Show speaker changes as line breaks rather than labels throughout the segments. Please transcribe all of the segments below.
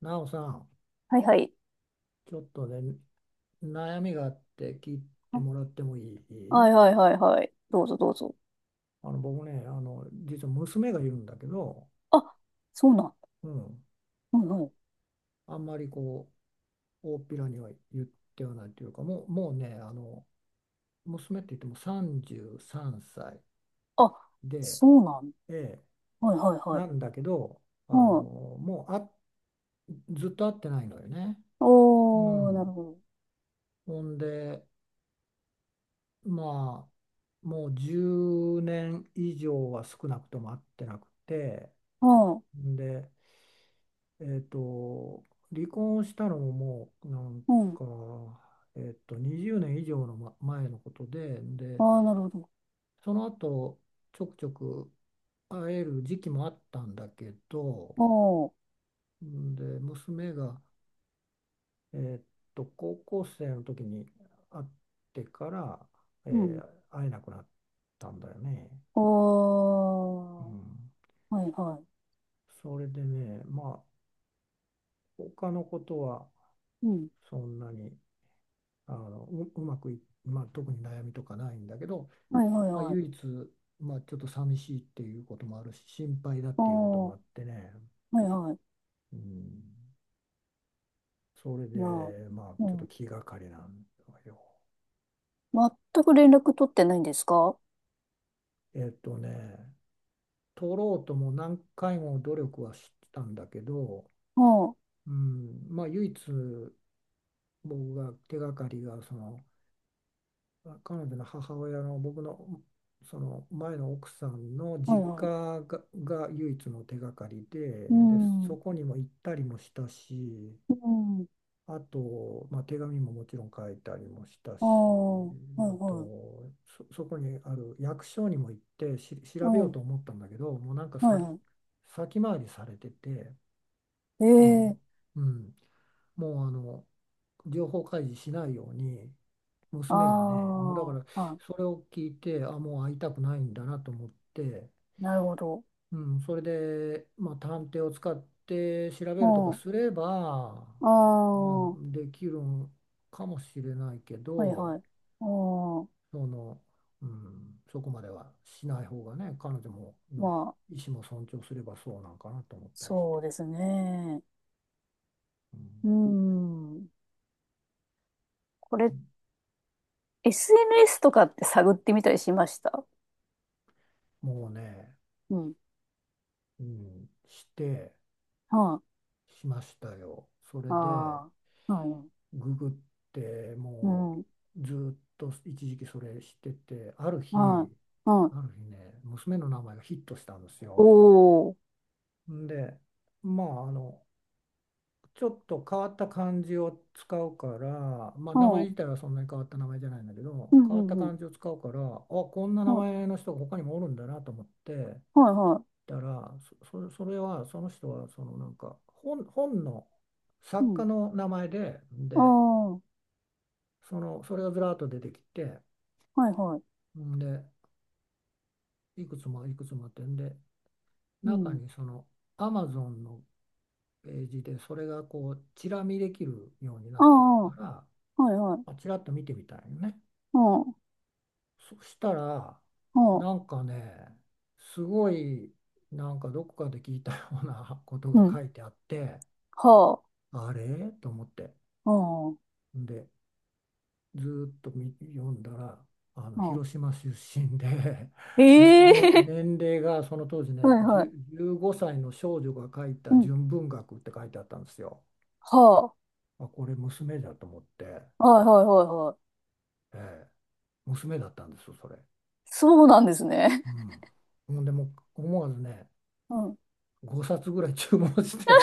なおさん、
はいはい。
ちょっとね、悩みがあって聞いてもら
あ、
ってもいい？
はいはいはいはい。どうぞどうぞ。
僕ね、実は娘がいるんだけど、
あ、そうなん。
うん、
はいはい。
あんまりこう、大っぴらには言ってはないというか、もうね、娘って言っても33歳
あ、
で、
そうなん。
ええ、
はいはいはい。
なんだけど、あ
う
の
ん。
もうあずっと会ってないのよね。う
おー、なる
ん、
ほ
ほんで、まあ、もう10年以上は少なくとも会ってなくて。
ど。
で、えーと、離婚をしたのももうなん
うん。うん。
か、20年以上の前のことで、
あ
で、
ー、なるほど。
その後ちょくちょく会える時期もあったんだけど、
おー。
で、娘が、えー高校生の時に会ってから、
うん。
会えなくなったんだよね。う
おー。
ん、
はいは
それでね、まあ、他のことは
い。うん。
そんなに。うまくい、まあ、特に悩みとかないんだけど、
はいはい
まあ、
はい。
唯一、まあ、ちょっと寂しいっていうこともあるし心配だっていうこと
お
も
ー。
あってね、
はいはい。
うん、それ
なあ。
でまあ
う
ちょっと
ん。
気がかりなんだよ。
全く連絡取ってないんですか？
えっとね取ろうとも何回も努力はしたんだけど、
ああー、
うん、まあ唯一僕が手がかりがその彼女の母親の僕のその前の奥さんの
はい
実
はい。
家が唯一の手がかりで、
う
で、そ
ん。
こにも行ったりもしたし、
うん。
あと、まあ、手紙ももちろん書いたりもした
あ
し、
あ、はい
あ
はい。
と、そこにある役所にも行って調べ
う
よう
ん。
と思ったんだけど、もうなんか
は
さ、
いは
先回りされてて、あの、
い。ええ。
うん、もうあの、情報開示しないように、
あ
娘がね、もうだから
あ、は
それを聞いて、あ、もう会いたくないんだなと思って、
い、なるほど。
うん、それで、まあ、探偵を使って調べ
う
るとか
ん。
すれば、
あ
まあ、
あ、は
できるんかもしれないけ
い
ど、
はい。うん。
その、うん、そこまではしない方がね、彼女も
ま
の
あ、
意思も尊重すればそうなんかなと思ったりして、
そうですね。
うん、
うん。これ、SNS とかって探ってみたりしました？
もうね、
うん。
うん、
はい。
しましたよ。それ
あ
で
あ、はい。
ググって
う
も
ん。
うずっと一時期それしてて
はい。は
ある
い。
日ね娘の名前がヒットしたんですよ。
おー。
んでまあちょっと変わった漢字を使うからまあ
う
名前
ん。う
自体はそんなに変わった名前じゃないんだけど
んう
変わった
んうん。
漢字を使うからこんな名
はい。
前の人が他にもおるんだなと思って
はいは
たらそれはその人はなんか本の
い。う
作家
ん。
の名前で、
ああ、は
それがずらっと出てきて
いはい。
んで、いくつもいくつもあって、んで、
う
中
ん。
にその Amazon のページでそれがこう、チラ見できるようにな
あ
って
あ、
た
は
から、
いはい。
あ、チラッと見てみたいよね。
うん。う
そしたら、な
ん。
んかね、すごい、なんかどこかで聞いたようなこと
う
が
ん。
書いてあって、
はあ。
あれと思って。
うん。
んで、ずっと読んだら
うん。
広島出身で ね、
ええ
年齢がその当時
ー、
ね
はいは
10
い。
15歳の少女が書い
う
た
ん。
純文学って書いてあったんですよ。
は
あ、これ娘だと思って、
あ。はいはいはいはい。
ええ、娘だったんですよそれ。
そうなんですね。
うん、ほんでもう思わずね
うん。
5冊ぐらい注文して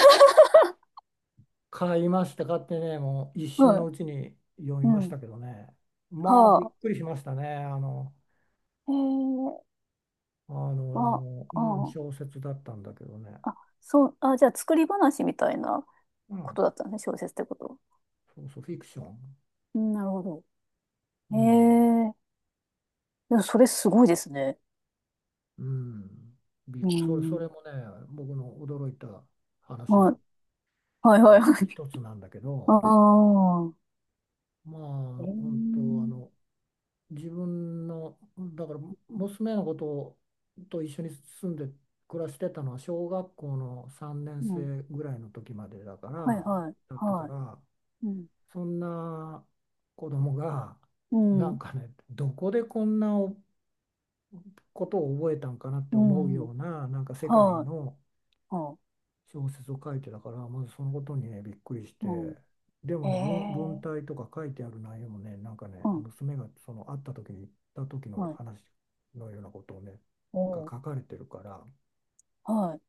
買いました買ってねもう一瞬の
は
うちに読み
い。う
まし
ん。
たけどねまあ
は
びっ
あ。
くりしましたね
ええ。あ、あ
小説だったんだけどね。
あ。あ、そう、あ、じゃあ作り話みたいな
う
こ
ん、
とだったんですね、小説ってこと。
そうそう、フィクション。
うん、なるほど。
う
え
ん、
え、でもそれすごいですね。
うん。
う
そ
ん。
れもね、僕の驚いた話の
はい。はいはいはい。
一つなんだけ ど、
あ
まあ、本
あ。ええ。
当、自分の、だから、娘のことと一緒に住んで暮らしてたのは、小学校の3年
うん。
生ぐらいの時までだか
はい
ら、
はい
だったか
は
ら、
い。うん。
そんな子供が、
う
なん
ん。
かね、どこでこんなことを覚えたんかなって
う
思う
ん。
ようななんか世界
はい。
の
は
小説を書いてたからまずそのことにねびっくりし
い。う
て
ん。
でもね文
ええ。
体とか書いてある内容もねなんかね
うん、
娘がその会った時に行った時の
はい。
話のようなことをね
お
が
ー、
書かれてるから
は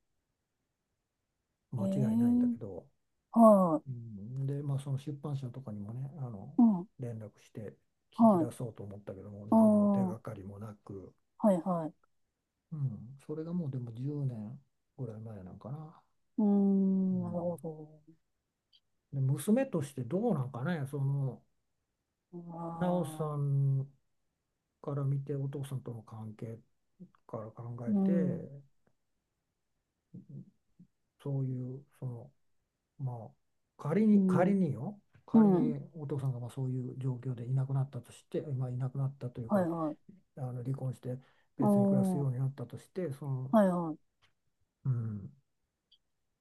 い。
間
え
違いないんだけ
ー、
ど、
はい。
うん、でまあその出版社とかにもね
うん、
連絡して聞き
は
出
い。
そうと思ったけども
あ
何の手
あ、
がかりもなく、
はい、はい。
うん、それがもうでも10年ぐらい前なんかな。
うー
う
ん、なる
ん
ほど。
で娘としてどうなんかね、
あ
なおさ
ー、
んから見て、お父さんとの関係から考え
うん、
て、そういう、まあ、
うん、う
仮
ん、
にお父さんがまあそういう状況でいなくなったとして、まあ、いなくなったという
はい、
か、
はい。
離婚して別に暮らす
あ
よう
あ、
になったとして、
はい、はい。
うん、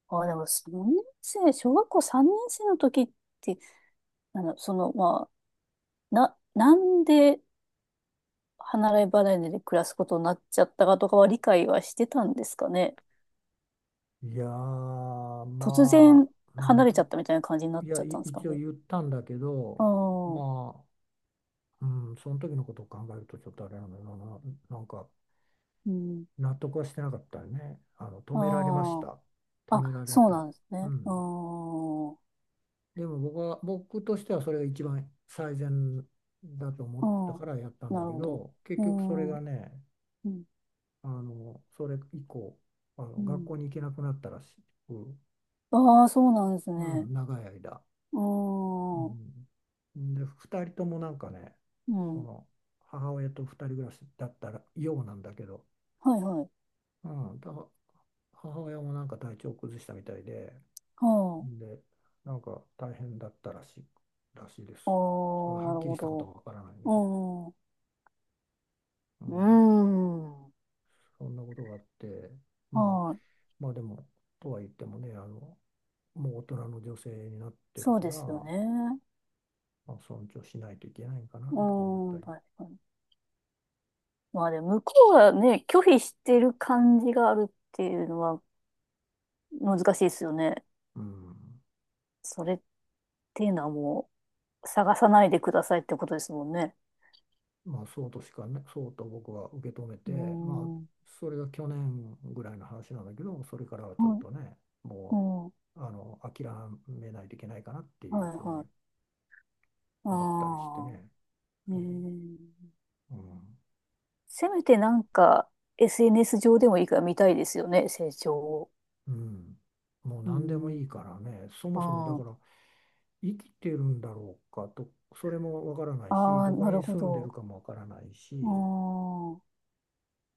ああでも、3年生、小学校3年生の時って、あの、その、まなんで離れ離れで暮らすことになっちゃったかとかは理解はしてたんですかね。
いやー、
突然
う
離れちゃっ
ん、
たみたいな感じになっ
い
ち
や、
ゃったんですか
一応
ね。
言ったんだけ
あ
ど、
あ、
まあ、うん、その時のことを考えるとちょっとあれなんだよな、なんか
うん。
納得はしてなかったよね。止められまし
あ
た。
あ。
止
あ、
められ
そう
た。
なんです
う
ね。ああ。
ん。
う
でも僕は、僕としてはそれが一番最善だと思った
ん。
からやったん
な
だ
る
け
ほど。
ど、結
う
局それ
ん。
がね、
うん。
それ以降、
う
学
ん。
校に行けなくなったらしく、
ああ、そうなんです
う
ね。
ん、長い間。
あ
う
あ。
ん。で、2人ともなんかね、
う
そ
ん。
の母親と二人暮らしだったらようなんだけど、
はいはい。
うん、母親もなんか体調崩したみたいで、
は
で、なんか大変だったらしいです。
あ。あ
それは
あ、
は
な
っ
る
きり
ほ
したこと
ど。
はわからないんだけど、う
う
ん、
ん。うん。
そんなことがあって、まあ、
はい。
まあでも、とは言ってもね、もう大人の女性になってる
そう
か
で
ら、
すよね。
まあ、尊重しないといけないかな
う
とか思った
ん。
り。
確かに。まあでも、向こうはね、拒否してる感じがあるっていうのは難しいですよね。
うん
それっていうのはもう、探さないでくださいってことですもんね。
まあ、そうとしかね、そうと僕は受け止め
うー
て、まあ、
ん。は
それが去年ぐらいの話なんだけど、それからは
い。
ちょっとね、
う
も
ん。は
う、諦めないといけないかなって
い
いうふう
は
に
い。あ
思ったりして
あ。
ね。
え
うん、
ー、
うん、
せめてなんか SNS 上でもいいから見たいですよね、成長を。
うんもう
う
何でも
ん。
いいからね、そも
あ
そもだか
ー。
ら、生きてるんだろうかと、それもわからないし、
あ
ど
ー、
こ
なる
に
ほ
住んでる
ど。
かもわからない
あ
し、
ー。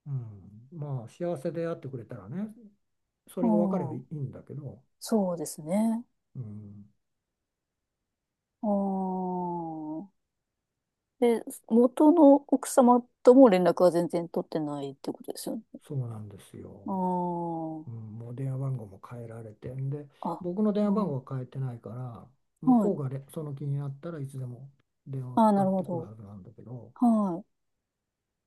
うん、まあ、幸せであってくれたらね、そ
う
れが分かれば
ん。
いいんだけど、
そうですね。
うん
ああ。で、元の奥様とも連絡は全然取ってないってことですよね。
そうなんです
あ
よ。うん、もう電話番号も変えられてんで
あ。あ、
僕の電話
う
番号
ん。
は変えてないから向
は
こ
い。
うがその気になったらいつでも電話
あ
か
あ、
か
なる
っ
ほ
てくる
ど。
はずなんだけど、
はい。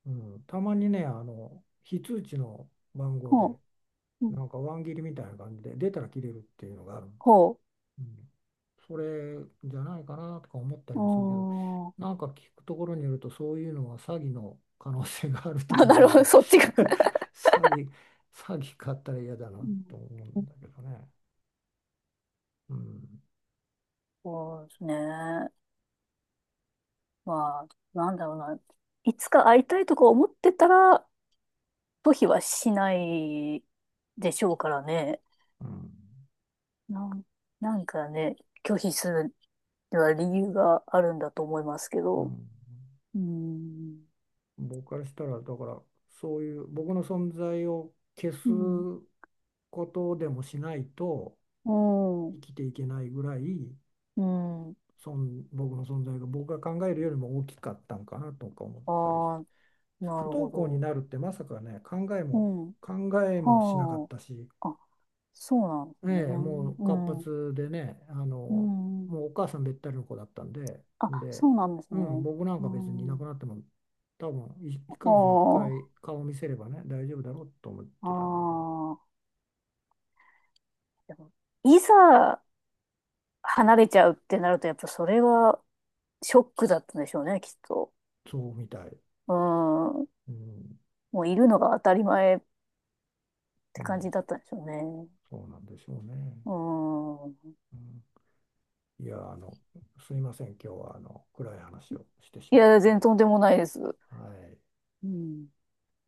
うん、たまにね非通知の番号
ほ
で
う。うん。
なんかワン切りみたいな感じで出たら切れるっていうのがある
ほ
うん、それじゃないかなとか思った
う。
り
う
もするけど、
ーん。
なんか聞くところによると、そういうのは詐欺の可能性があるとか
あ、
言
な
う
る
ん
ほど。
で
そっちが。
詐欺、詐欺買ったら嫌だな
うん。
と思うんだけどね。うん、
そうですね。まあ、なんだろうな。いつか会いたいとか思ってたら、拒否はしないでしょうからね。
うん、
なん、なんかね、拒否するには理由があるんだと思いますけ
う
ど。
ん。
うん。
僕からしたら、だから、そういう僕の存在を消す
うん。
ことでもしないと
う
生
ん。
きていけないぐらい、
うん。
僕の存在が僕が考えるよりも大きかったんかなとか思っ
あ
たりして。
あ、な
不
るほ
登校に
ど。
なるってまさかね、
うん。
考えもしなかっ
は
たし、
あ。あ、そうなんです
ええ、
ね。
もう
う
活
ん。
発でね、
うん。
もうお母さんべったりの子だったんで、
あ、
で、
そうなんです
うん、
ね。
僕なん
う
か別にいな
ん。
くなっても、多分1ヶ月に1
おー、
回顔を見せればね、大丈夫だろうと思っ
あ
てたんだけど、
あ。でもいざ離れちゃうってなると、やっぱそれがショックだったんでしょうね、きっと。
そうみたい。
うん。
うん、
もういるのが当たり前っ
う
て感
ん、
じだったんでしょうね。
そうなんでしょうね。
うん。
うんいや、すいません、今日は暗い話をしてし
い
まっ
や、全然
て、
とんでもないです。
はい、
うん。